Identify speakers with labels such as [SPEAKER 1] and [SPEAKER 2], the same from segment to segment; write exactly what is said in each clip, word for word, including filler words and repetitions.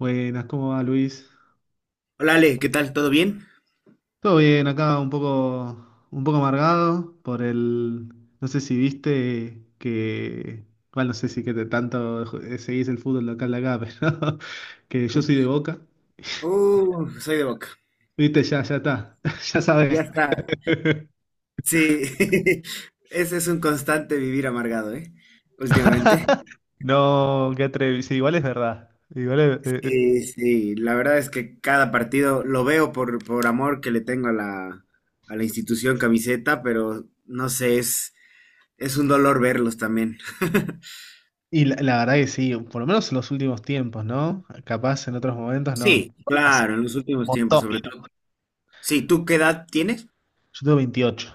[SPEAKER 1] Buenas, ¿cómo va Luis?
[SPEAKER 2] Hola Ale, ¿qué tal? ¿Todo bien?
[SPEAKER 1] Todo bien, acá un poco, un poco amargado por el. No sé si viste que. Bueno, no sé si que te tanto ju- seguís el fútbol local de acá, pero que yo soy de Boca.
[SPEAKER 2] Uh, soy de Boca.
[SPEAKER 1] Viste, ya, ya está. Ya
[SPEAKER 2] Ya
[SPEAKER 1] sabes.
[SPEAKER 2] está. Sí, ese es un constante vivir amargado, ¿eh? Últimamente.
[SPEAKER 1] No, qué atrevido. Sí, igual es verdad. Igual es- eh, eh.
[SPEAKER 2] Sí, sí, la verdad es que cada partido lo veo por, por amor que le tengo a la, a la institución camiseta, pero no sé, es, Es un dolor verlos también.
[SPEAKER 1] Y la, la verdad que sí, por lo menos en los últimos tiempos, ¿no? Capaz en otros momentos
[SPEAKER 2] Sí,
[SPEAKER 1] no. Hace
[SPEAKER 2] claro,
[SPEAKER 1] un
[SPEAKER 2] en los últimos tiempos,
[SPEAKER 1] montón,
[SPEAKER 2] sobre
[SPEAKER 1] mira.
[SPEAKER 2] todo. Sí, ¿tú qué edad tienes?
[SPEAKER 1] Yo tengo veintiocho.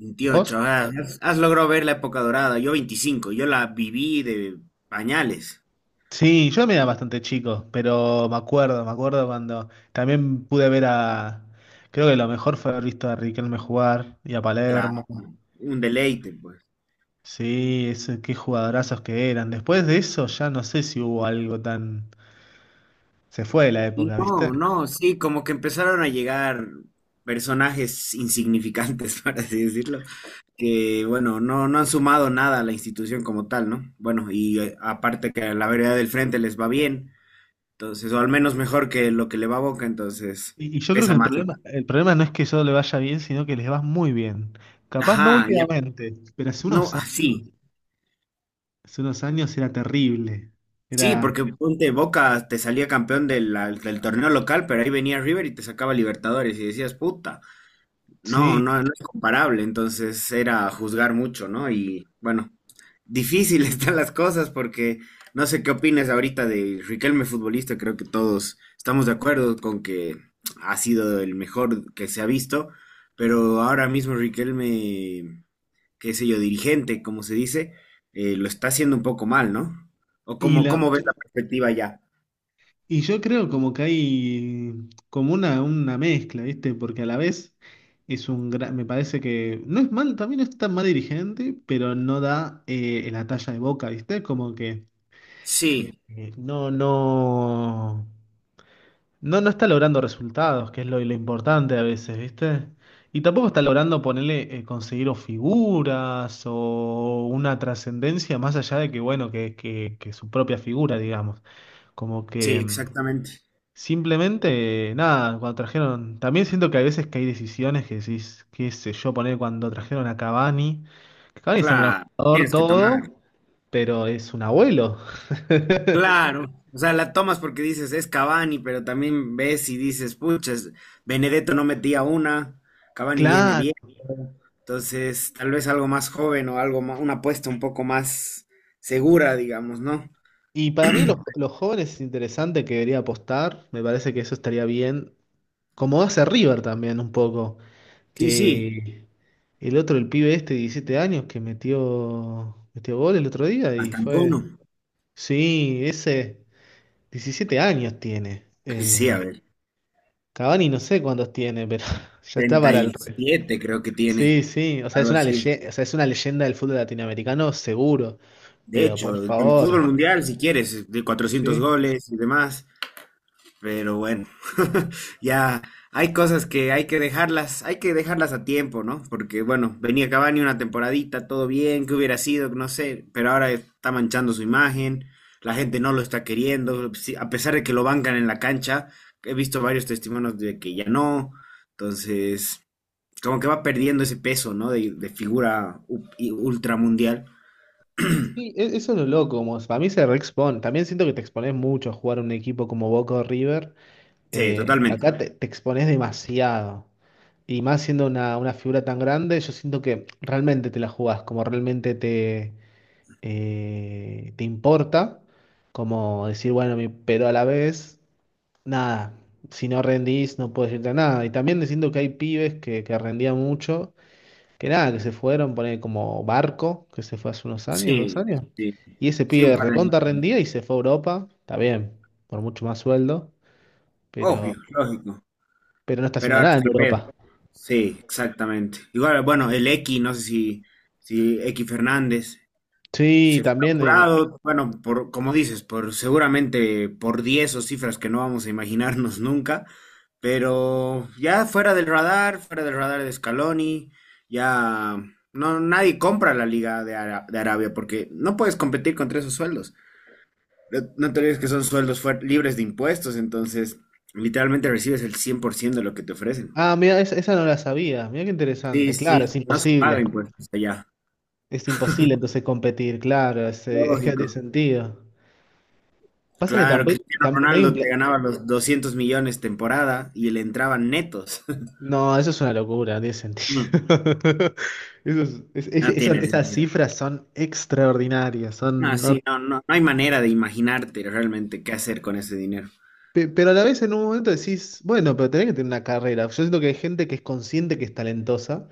[SPEAKER 2] Veintiocho.
[SPEAKER 1] ¿Vos?
[SPEAKER 2] Ah, has, has logrado ver la época dorada. Yo veinticinco. Yo la viví de pañales.
[SPEAKER 1] Sí, yo también era bastante chico, pero me acuerdo, me acuerdo cuando también pude ver a, creo que lo mejor fue haber visto a Riquelme jugar y a
[SPEAKER 2] Claro,
[SPEAKER 1] Palermo.
[SPEAKER 2] un deleite, pues.
[SPEAKER 1] Sí, ese, qué jugadorazos que eran. Después de eso ya no sé si hubo algo tan... Se fue de la
[SPEAKER 2] Y
[SPEAKER 1] época, ¿viste?
[SPEAKER 2] no, no, sí, como que empezaron a llegar personajes insignificantes, para así decirlo, que, bueno, no, no han sumado nada a la institución como tal, ¿no? Bueno, y eh, aparte que a la vereda del frente les va bien, entonces, o al menos mejor que lo que le va a Boca, entonces
[SPEAKER 1] Y, y yo creo
[SPEAKER 2] pesa
[SPEAKER 1] que el
[SPEAKER 2] más, ¿no?
[SPEAKER 1] problema, el problema no es que yo le vaya bien, sino que les va muy bien. Capaz no
[SPEAKER 2] Ajá, ya.
[SPEAKER 1] últimamente, pero hace
[SPEAKER 2] No,
[SPEAKER 1] unos
[SPEAKER 2] ah, sí.
[SPEAKER 1] años, hace unos años era terrible.
[SPEAKER 2] Sí,
[SPEAKER 1] Era,
[SPEAKER 2] porque ponte Boca te salía campeón de la- del torneo local, pero ahí venía River y te sacaba Libertadores y decías, puta, no,
[SPEAKER 1] sí.
[SPEAKER 2] no, no es comparable. Entonces era juzgar mucho, ¿no? Y bueno, difícil están las cosas porque no sé qué opinas ahorita de Riquelme futbolista, creo que todos estamos de acuerdo con que ha sido el mejor que se ha visto, pero ahora mismo Riquelme, qué sé yo, dirigente, como se dice, eh, lo está haciendo un poco mal, ¿no? ¿O
[SPEAKER 1] Y
[SPEAKER 2] cómo,
[SPEAKER 1] la,
[SPEAKER 2] cómo ves la perspectiva ya?
[SPEAKER 1] y yo creo como que hay como una, una mezcla, ¿viste? Porque a la vez es un gran, me parece que no es mal, también no es tan mal dirigente, pero no da eh, la talla de Boca, ¿viste? Como que
[SPEAKER 2] Sí,
[SPEAKER 1] eh, eh, no, no, no, no está logrando resultados, que es lo, lo importante a veces, ¿viste? Y tampoco está logrando ponerle, eh, conseguir o figuras o una trascendencia más allá de que, bueno, que, que, que su propia figura, digamos. Como
[SPEAKER 2] sí,
[SPEAKER 1] que... mm,
[SPEAKER 2] exactamente.
[SPEAKER 1] Simplemente, nada, cuando trajeron. También siento que hay veces que hay decisiones que decís, qué sé yo, poner cuando trajeron a Cavani. Que Cavani es un gran
[SPEAKER 2] Claro,
[SPEAKER 1] jugador,
[SPEAKER 2] tienes que tomar.
[SPEAKER 1] todo, pero es un abuelo.
[SPEAKER 2] Claro, o sea, la tomas porque dices es Cavani, pero también ves y dices, puchas, Benedetto no metía una, Cavani viene
[SPEAKER 1] Claro.
[SPEAKER 2] bien, entonces tal vez algo más joven o algo ma- una apuesta un poco más segura, digamos, ¿no?
[SPEAKER 1] Y para mí, los, los jóvenes es interesante que debería apostar. Me parece que eso estaría bien. Como hace River también, un poco.
[SPEAKER 2] Sí, sí,
[SPEAKER 1] Que el otro, el pibe este de diecisiete años, que metió, metió gol el otro día y
[SPEAKER 2] hasta
[SPEAKER 1] fue.
[SPEAKER 2] Antonio.
[SPEAKER 1] Sí, ese. Diecisiete años tiene.
[SPEAKER 2] Sí, a
[SPEAKER 1] Eh,
[SPEAKER 2] ver,
[SPEAKER 1] Cavani no sé cuántos tiene, pero ya está
[SPEAKER 2] treinta
[SPEAKER 1] para
[SPEAKER 2] y
[SPEAKER 1] el... re-
[SPEAKER 2] siete creo que tiene.
[SPEAKER 1] Sí, sí, o sea,
[SPEAKER 2] Algo
[SPEAKER 1] es una
[SPEAKER 2] así.
[SPEAKER 1] leyenda, o sea, es una leyenda del fútbol latinoamericano, seguro,
[SPEAKER 2] De
[SPEAKER 1] pero por
[SPEAKER 2] hecho, el fútbol
[SPEAKER 1] favor,
[SPEAKER 2] mundial, si quieres, de cuatrocientos
[SPEAKER 1] sí.
[SPEAKER 2] goles y demás, pero bueno, ya hay cosas que hay que dejarlas, hay que dejarlas a tiempo, ¿no? Porque bueno, venía Cavani una temporadita, todo bien, que hubiera sido, no sé, pero ahora está manchando su imagen, la gente no lo está queriendo, sí, a pesar de que lo bancan en la cancha, he visto varios testimonios de que ya no, entonces como que va perdiendo ese peso, ¿no? De, de figura u- y ultramundial.
[SPEAKER 1] Sí, e- eso es lo loco, como para mí se reexpone. También siento que te expones mucho a jugar un equipo como Boca o River.
[SPEAKER 2] Sí,
[SPEAKER 1] Eh,
[SPEAKER 2] totalmente.
[SPEAKER 1] acá te, te expones demasiado. Y más siendo una, una figura tan grande, yo siento que realmente te la jugás, como realmente te... eh, te importa, como decir, bueno, mi- pero a la vez, nada, si no rendís no puedes irte a nada. Y también diciendo que hay pibes que, que rendían mucho, que nada, que se fueron, poner como Barco, que se fue hace unos años, dos
[SPEAKER 2] Sí,
[SPEAKER 1] años,
[SPEAKER 2] sí.
[SPEAKER 1] y ese
[SPEAKER 2] Sí, un
[SPEAKER 1] pibe
[SPEAKER 2] par de años.
[SPEAKER 1] recontra rendía y se fue a Europa, está bien, por mucho más sueldo, pero,
[SPEAKER 2] Obvio, lógico.
[SPEAKER 1] pero no está
[SPEAKER 2] Pero
[SPEAKER 1] haciendo
[SPEAKER 2] ahora
[SPEAKER 1] nada en
[SPEAKER 2] está el pedo.
[SPEAKER 1] Europa.
[SPEAKER 2] Sí, exactamente. Igual, bueno, el X, no sé si, si X Fernández
[SPEAKER 1] Sí,
[SPEAKER 2] se fue
[SPEAKER 1] también... eh,
[SPEAKER 2] apurado, bueno, por, como dices, por seguramente por diez o cifras que no vamos a imaginarnos nunca, pero ya fuera del radar, fuera del radar de Scaloni, ya no, nadie compra la liga de, Ara- de Arabia porque no puedes competir contra esos sueldos. No, no te olvides que son sueldos fuer- libres de impuestos, entonces literalmente recibes el cien por ciento de lo que te ofrecen.
[SPEAKER 1] Ah, mira, esa, esa no la sabía. Mira qué
[SPEAKER 2] Sí,
[SPEAKER 1] interesante. Claro, es
[SPEAKER 2] sí, no se paga
[SPEAKER 1] imposible.
[SPEAKER 2] impuestos allá.
[SPEAKER 1] Es imposible entonces competir, claro, es, eh, es que no tiene
[SPEAKER 2] Lógico.
[SPEAKER 1] sentido. Pasa que
[SPEAKER 2] Claro,
[SPEAKER 1] tampoco
[SPEAKER 2] Cristiano
[SPEAKER 1] hay un...
[SPEAKER 2] Ronaldo te
[SPEAKER 1] pla-
[SPEAKER 2] ganaba los doscientos millones temporada y le entraban netos.
[SPEAKER 1] No, eso es una locura, no tiene sentido.
[SPEAKER 2] Mm,
[SPEAKER 1] Eso es- es- es-
[SPEAKER 2] no
[SPEAKER 1] eso-
[SPEAKER 2] tiene
[SPEAKER 1] esas
[SPEAKER 2] sentido.
[SPEAKER 1] cifras son extraordinarias,
[SPEAKER 2] Ah,
[SPEAKER 1] son... no-
[SPEAKER 2] sí, no, no, no hay manera de imaginarte realmente qué hacer con ese dinero.
[SPEAKER 1] pe- Pero a la vez en un momento decís, bueno, pero tenés que tener una carrera. Yo siento que hay gente que es consciente que es talentosa.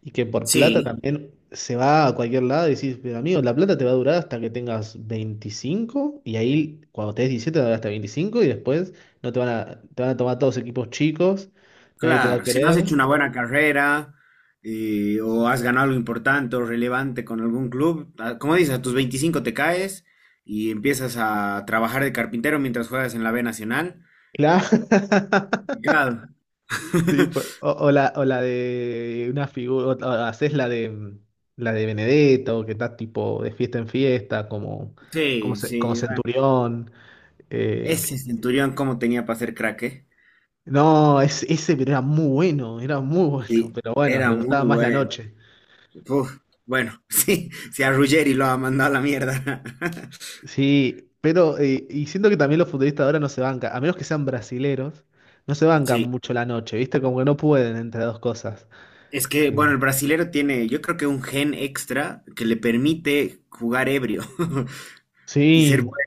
[SPEAKER 1] Y que por plata
[SPEAKER 2] Sí,
[SPEAKER 1] también se va a cualquier lado y decís, pero amigo, la plata te va a durar hasta que tengas veinticinco y ahí cuando tenés diecisiete te va a durar hasta veinticinco y después no te van a, te van a tomar todos equipos chicos, nadie te va a
[SPEAKER 2] claro, si no has hecho
[SPEAKER 1] querer.
[SPEAKER 2] una buena carrera eh, o has ganado algo importante o relevante con algún club, a- como dices, a tus veinticinco te caes y empiezas a trabajar de carpintero mientras juegas en la B Nacional.
[SPEAKER 1] Claro.
[SPEAKER 2] Claro.
[SPEAKER 1] Sí, pues, o, o la, o la de una figura, o, o haces la de la de Benedetto, que está tipo de fiesta en fiesta, como, como,
[SPEAKER 2] Sí,
[SPEAKER 1] ce- como
[SPEAKER 2] sí, bueno,
[SPEAKER 1] centurión. eh,
[SPEAKER 2] ese Centurión, ¿cómo tenía para ser crack, eh?
[SPEAKER 1] No, es, ese pero era muy bueno, era muy bueno,
[SPEAKER 2] Sí,
[SPEAKER 1] pero bueno,
[SPEAKER 2] era
[SPEAKER 1] le
[SPEAKER 2] muy
[SPEAKER 1] gustaba más la
[SPEAKER 2] bueno.
[SPEAKER 1] noche.
[SPEAKER 2] Uf, bueno, sí, si a Ruggeri lo ha mandado a la mierda.
[SPEAKER 1] Sí, pero eh, y siento que también los futbolistas ahora no se bancan, a menos que sean brasileros, no se bancan
[SPEAKER 2] Sí.
[SPEAKER 1] mucho la noche, ¿viste? Como que no pueden entre dos cosas.
[SPEAKER 2] Es que,
[SPEAKER 1] Sí.
[SPEAKER 2] bueno, el brasilero tiene, yo creo que un gen extra que le permite jugar ebrio y ser bueno.
[SPEAKER 1] Sí,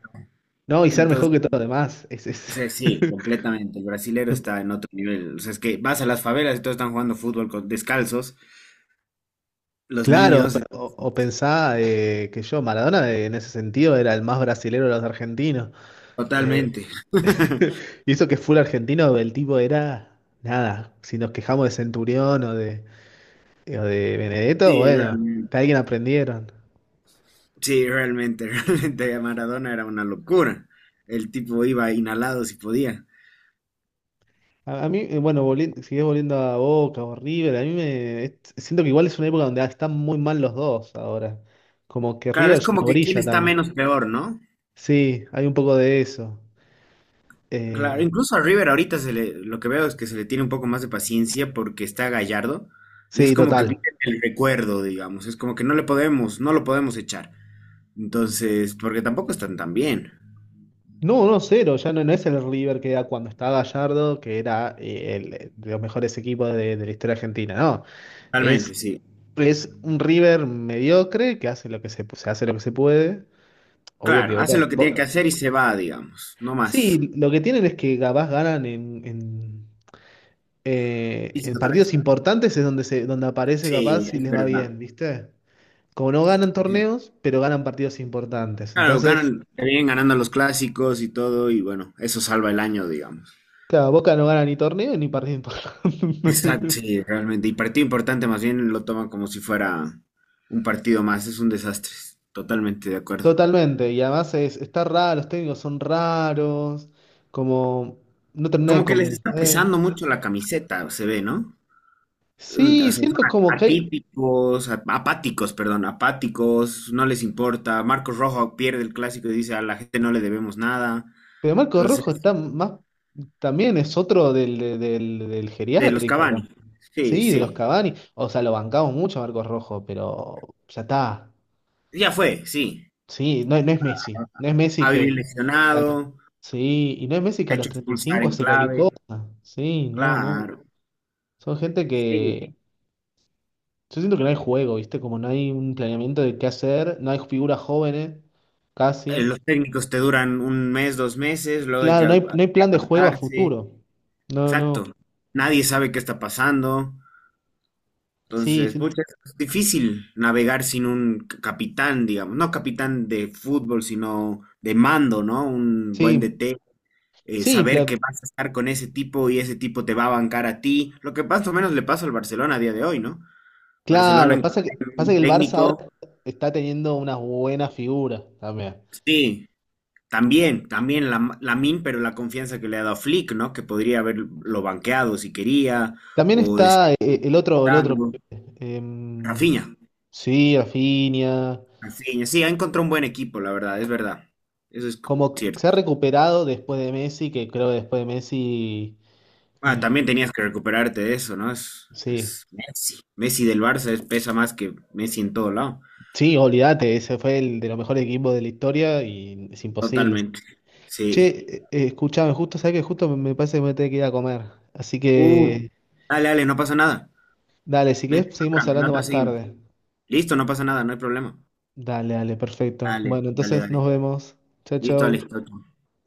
[SPEAKER 1] no, y ser
[SPEAKER 2] Entonces,
[SPEAKER 1] mejor que todos los demás, es,
[SPEAKER 2] o
[SPEAKER 1] es-
[SPEAKER 2] sea, sí, completamente. El brasilero está en otro nivel. O sea, es que vas a las favelas y todos están jugando fútbol con, descalzos. Los
[SPEAKER 1] Claro,
[SPEAKER 2] niños,
[SPEAKER 1] o, o pensá eh, que yo, Maradona eh, en ese sentido era el más brasilero de los argentinos. eh,
[SPEAKER 2] totalmente.
[SPEAKER 1] Y eso que es full argentino, el tipo era nada. Si nos quejamos de Centurión o de, o de Benedetto,
[SPEAKER 2] Sí,
[SPEAKER 1] bueno,
[SPEAKER 2] realmente.
[SPEAKER 1] que alguien aprendieron.
[SPEAKER 2] Sí, realmente, realmente. Maradona era una locura. El tipo iba inhalado si podía.
[SPEAKER 1] A, a mí, eh, bueno, volviendo, sigues volviendo a Boca o River, a mí me es- siento que igual es una época donde están muy mal los dos ahora. Como que
[SPEAKER 2] Claro, es
[SPEAKER 1] River ya
[SPEAKER 2] como
[SPEAKER 1] no
[SPEAKER 2] que quién
[SPEAKER 1] brilla
[SPEAKER 2] está
[SPEAKER 1] tanto.
[SPEAKER 2] menos peor, ¿no?
[SPEAKER 1] Sí, hay un poco de eso.
[SPEAKER 2] Claro,
[SPEAKER 1] Eh,
[SPEAKER 2] incluso a River ahorita se le, lo que veo es que se le tiene un poco más de paciencia porque está Gallardo y es
[SPEAKER 1] sí,
[SPEAKER 2] como que vive
[SPEAKER 1] total.
[SPEAKER 2] el recuerdo, digamos, es como que no le podemos, no lo podemos echar. Entonces, porque tampoco están tan bien.
[SPEAKER 1] No, no, cero, ya no, no es el River que era cuando estaba Gallardo, que era eh, el, de los mejores equipos de, de la historia argentina, no.
[SPEAKER 2] Realmente,
[SPEAKER 1] Es
[SPEAKER 2] sí.
[SPEAKER 1] Es un River mediocre que hace lo que se, se hace lo que se puede. Obvio
[SPEAKER 2] Claro,
[SPEAKER 1] que Boca.
[SPEAKER 2] hace lo que
[SPEAKER 1] Bo-
[SPEAKER 2] tiene que hacer y se va, digamos, no más.
[SPEAKER 1] Sí, lo que tienen es que capaz ganan en, en,
[SPEAKER 2] Y
[SPEAKER 1] eh,
[SPEAKER 2] sí,
[SPEAKER 1] en
[SPEAKER 2] tal,
[SPEAKER 1] partidos importantes es donde se, donde aparece
[SPEAKER 2] sí,
[SPEAKER 1] capaz y
[SPEAKER 2] es
[SPEAKER 1] les va
[SPEAKER 2] verdad.
[SPEAKER 1] bien, ¿viste? Como no ganan torneos, pero ganan partidos importantes.
[SPEAKER 2] Claro,
[SPEAKER 1] Entonces,
[SPEAKER 2] ganan, le vienen ganando los clásicos y todo, y bueno, eso salva el año, digamos.
[SPEAKER 1] claro, Boca no gana ni torneo ni partido importante.
[SPEAKER 2] Exacto, sí, realmente. Y partido importante, más bien lo toman como si fuera un partido más, es un desastre, totalmente de acuerdo.
[SPEAKER 1] Totalmente. Y además es, está raro, los técnicos son raros, como no termina de
[SPEAKER 2] Como que les está
[SPEAKER 1] convencer.
[SPEAKER 2] pesando mucho la camiseta, se ve, ¿no? Un- o
[SPEAKER 1] Sí,
[SPEAKER 2] sea, son
[SPEAKER 1] siento como que hay,
[SPEAKER 2] atípicos, a- apáticos, perdón, apáticos, no les importa. Marcos Rojo pierde el clásico y dice a la gente no le debemos nada.
[SPEAKER 1] pero Marco
[SPEAKER 2] Entonces,
[SPEAKER 1] Rojo está más, también es otro del, del, del- del
[SPEAKER 2] de los
[SPEAKER 1] geriátrico, tam-
[SPEAKER 2] Cavani, sí,
[SPEAKER 1] sí, de los
[SPEAKER 2] sí,
[SPEAKER 1] Cavani. O sea, lo bancamos mucho a Marcos Rojo, pero ya está.
[SPEAKER 2] ya fue, sí.
[SPEAKER 1] Sí, no, no es Messi. No es Messi que,
[SPEAKER 2] Había
[SPEAKER 1] que a los-
[SPEAKER 2] lesionado.
[SPEAKER 1] Sí, y no es Messi que a
[SPEAKER 2] Hecho
[SPEAKER 1] los treinta y
[SPEAKER 2] expulsar
[SPEAKER 1] cinco
[SPEAKER 2] en
[SPEAKER 1] hace cualquier
[SPEAKER 2] clave,
[SPEAKER 1] cosa. Sí, no, no.
[SPEAKER 2] claro.
[SPEAKER 1] Son gente
[SPEAKER 2] Sí,
[SPEAKER 1] que, yo siento que no hay juego, ¿viste? Como no hay un planeamiento de qué hacer, no hay figuras jóvenes,
[SPEAKER 2] eh,
[SPEAKER 1] casi.
[SPEAKER 2] los técnicos te duran un mes, dos meses, luego hay que
[SPEAKER 1] Claro,
[SPEAKER 2] a-
[SPEAKER 1] no hay,
[SPEAKER 2] a-
[SPEAKER 1] no hay plan de juego a
[SPEAKER 2] adaptarse.
[SPEAKER 1] futuro. No,
[SPEAKER 2] Exacto.
[SPEAKER 1] no.
[SPEAKER 2] Nadie sabe qué está pasando.
[SPEAKER 1] Sí,
[SPEAKER 2] Entonces,
[SPEAKER 1] sí.
[SPEAKER 2] pucha, es difícil navegar sin un c- capitán, digamos. No capitán de fútbol, sino de mando, ¿no? Un buen
[SPEAKER 1] Sí,
[SPEAKER 2] D T. Eh,
[SPEAKER 1] sí,
[SPEAKER 2] saber que
[SPEAKER 1] pla-
[SPEAKER 2] vas a estar con ese tipo y ese tipo te va a bancar a ti. Lo que más o menos le pasa al Barcelona a día de hoy, ¿no? Barcelona,
[SPEAKER 1] Claro,
[SPEAKER 2] en-
[SPEAKER 1] pasa que,
[SPEAKER 2] en
[SPEAKER 1] pasa que
[SPEAKER 2] un
[SPEAKER 1] el Barça ahora
[SPEAKER 2] técnico,
[SPEAKER 1] está teniendo unas buenas figuras también.
[SPEAKER 2] sí, también, también la, Lamin, pero la confianza que le ha dado Flick, ¿no? Que podría haberlo banqueado si quería,
[SPEAKER 1] También
[SPEAKER 2] o decir
[SPEAKER 1] está eh, el otro, el otro.
[SPEAKER 2] algo.
[SPEAKER 1] em,
[SPEAKER 2] Rafinha,
[SPEAKER 1] sí, Rafinha.
[SPEAKER 2] Rafinha, sí, ha encontrado un buen equipo, la verdad, es verdad. Eso es
[SPEAKER 1] Como que
[SPEAKER 2] cierto.
[SPEAKER 1] se ha recuperado después de Messi, que creo que después de Messi.
[SPEAKER 2] Ah,
[SPEAKER 1] mm,
[SPEAKER 2] también tenías que recuperarte de eso, ¿no? Es,
[SPEAKER 1] Sí,
[SPEAKER 2] es Messi. Messi del Barça es- pesa más que Messi en todo lado.
[SPEAKER 1] sí, olvídate, ese fue el de los mejores equipos de la historia y es imposible.
[SPEAKER 2] Totalmente.
[SPEAKER 1] Che,
[SPEAKER 2] Sí.
[SPEAKER 1] eh, eh, escuchame, justo, sabes que justo me me parece que me tengo que ir a comer. Así
[SPEAKER 2] Uh,
[SPEAKER 1] que,
[SPEAKER 2] dale, dale, no pasa nada.
[SPEAKER 1] dale, si
[SPEAKER 2] Mete
[SPEAKER 1] querés,
[SPEAKER 2] en
[SPEAKER 1] seguimos
[SPEAKER 2] otra, en
[SPEAKER 1] hablando
[SPEAKER 2] otra
[SPEAKER 1] más
[SPEAKER 2] seguimos.
[SPEAKER 1] tarde.
[SPEAKER 2] Listo, no pasa nada, no hay problema.
[SPEAKER 1] Dale, dale, perfecto.
[SPEAKER 2] Dale,
[SPEAKER 1] Bueno,
[SPEAKER 2] dale,
[SPEAKER 1] entonces nos
[SPEAKER 2] dale.
[SPEAKER 1] vemos. Chao,
[SPEAKER 2] Listo,
[SPEAKER 1] chao.
[SPEAKER 2] listo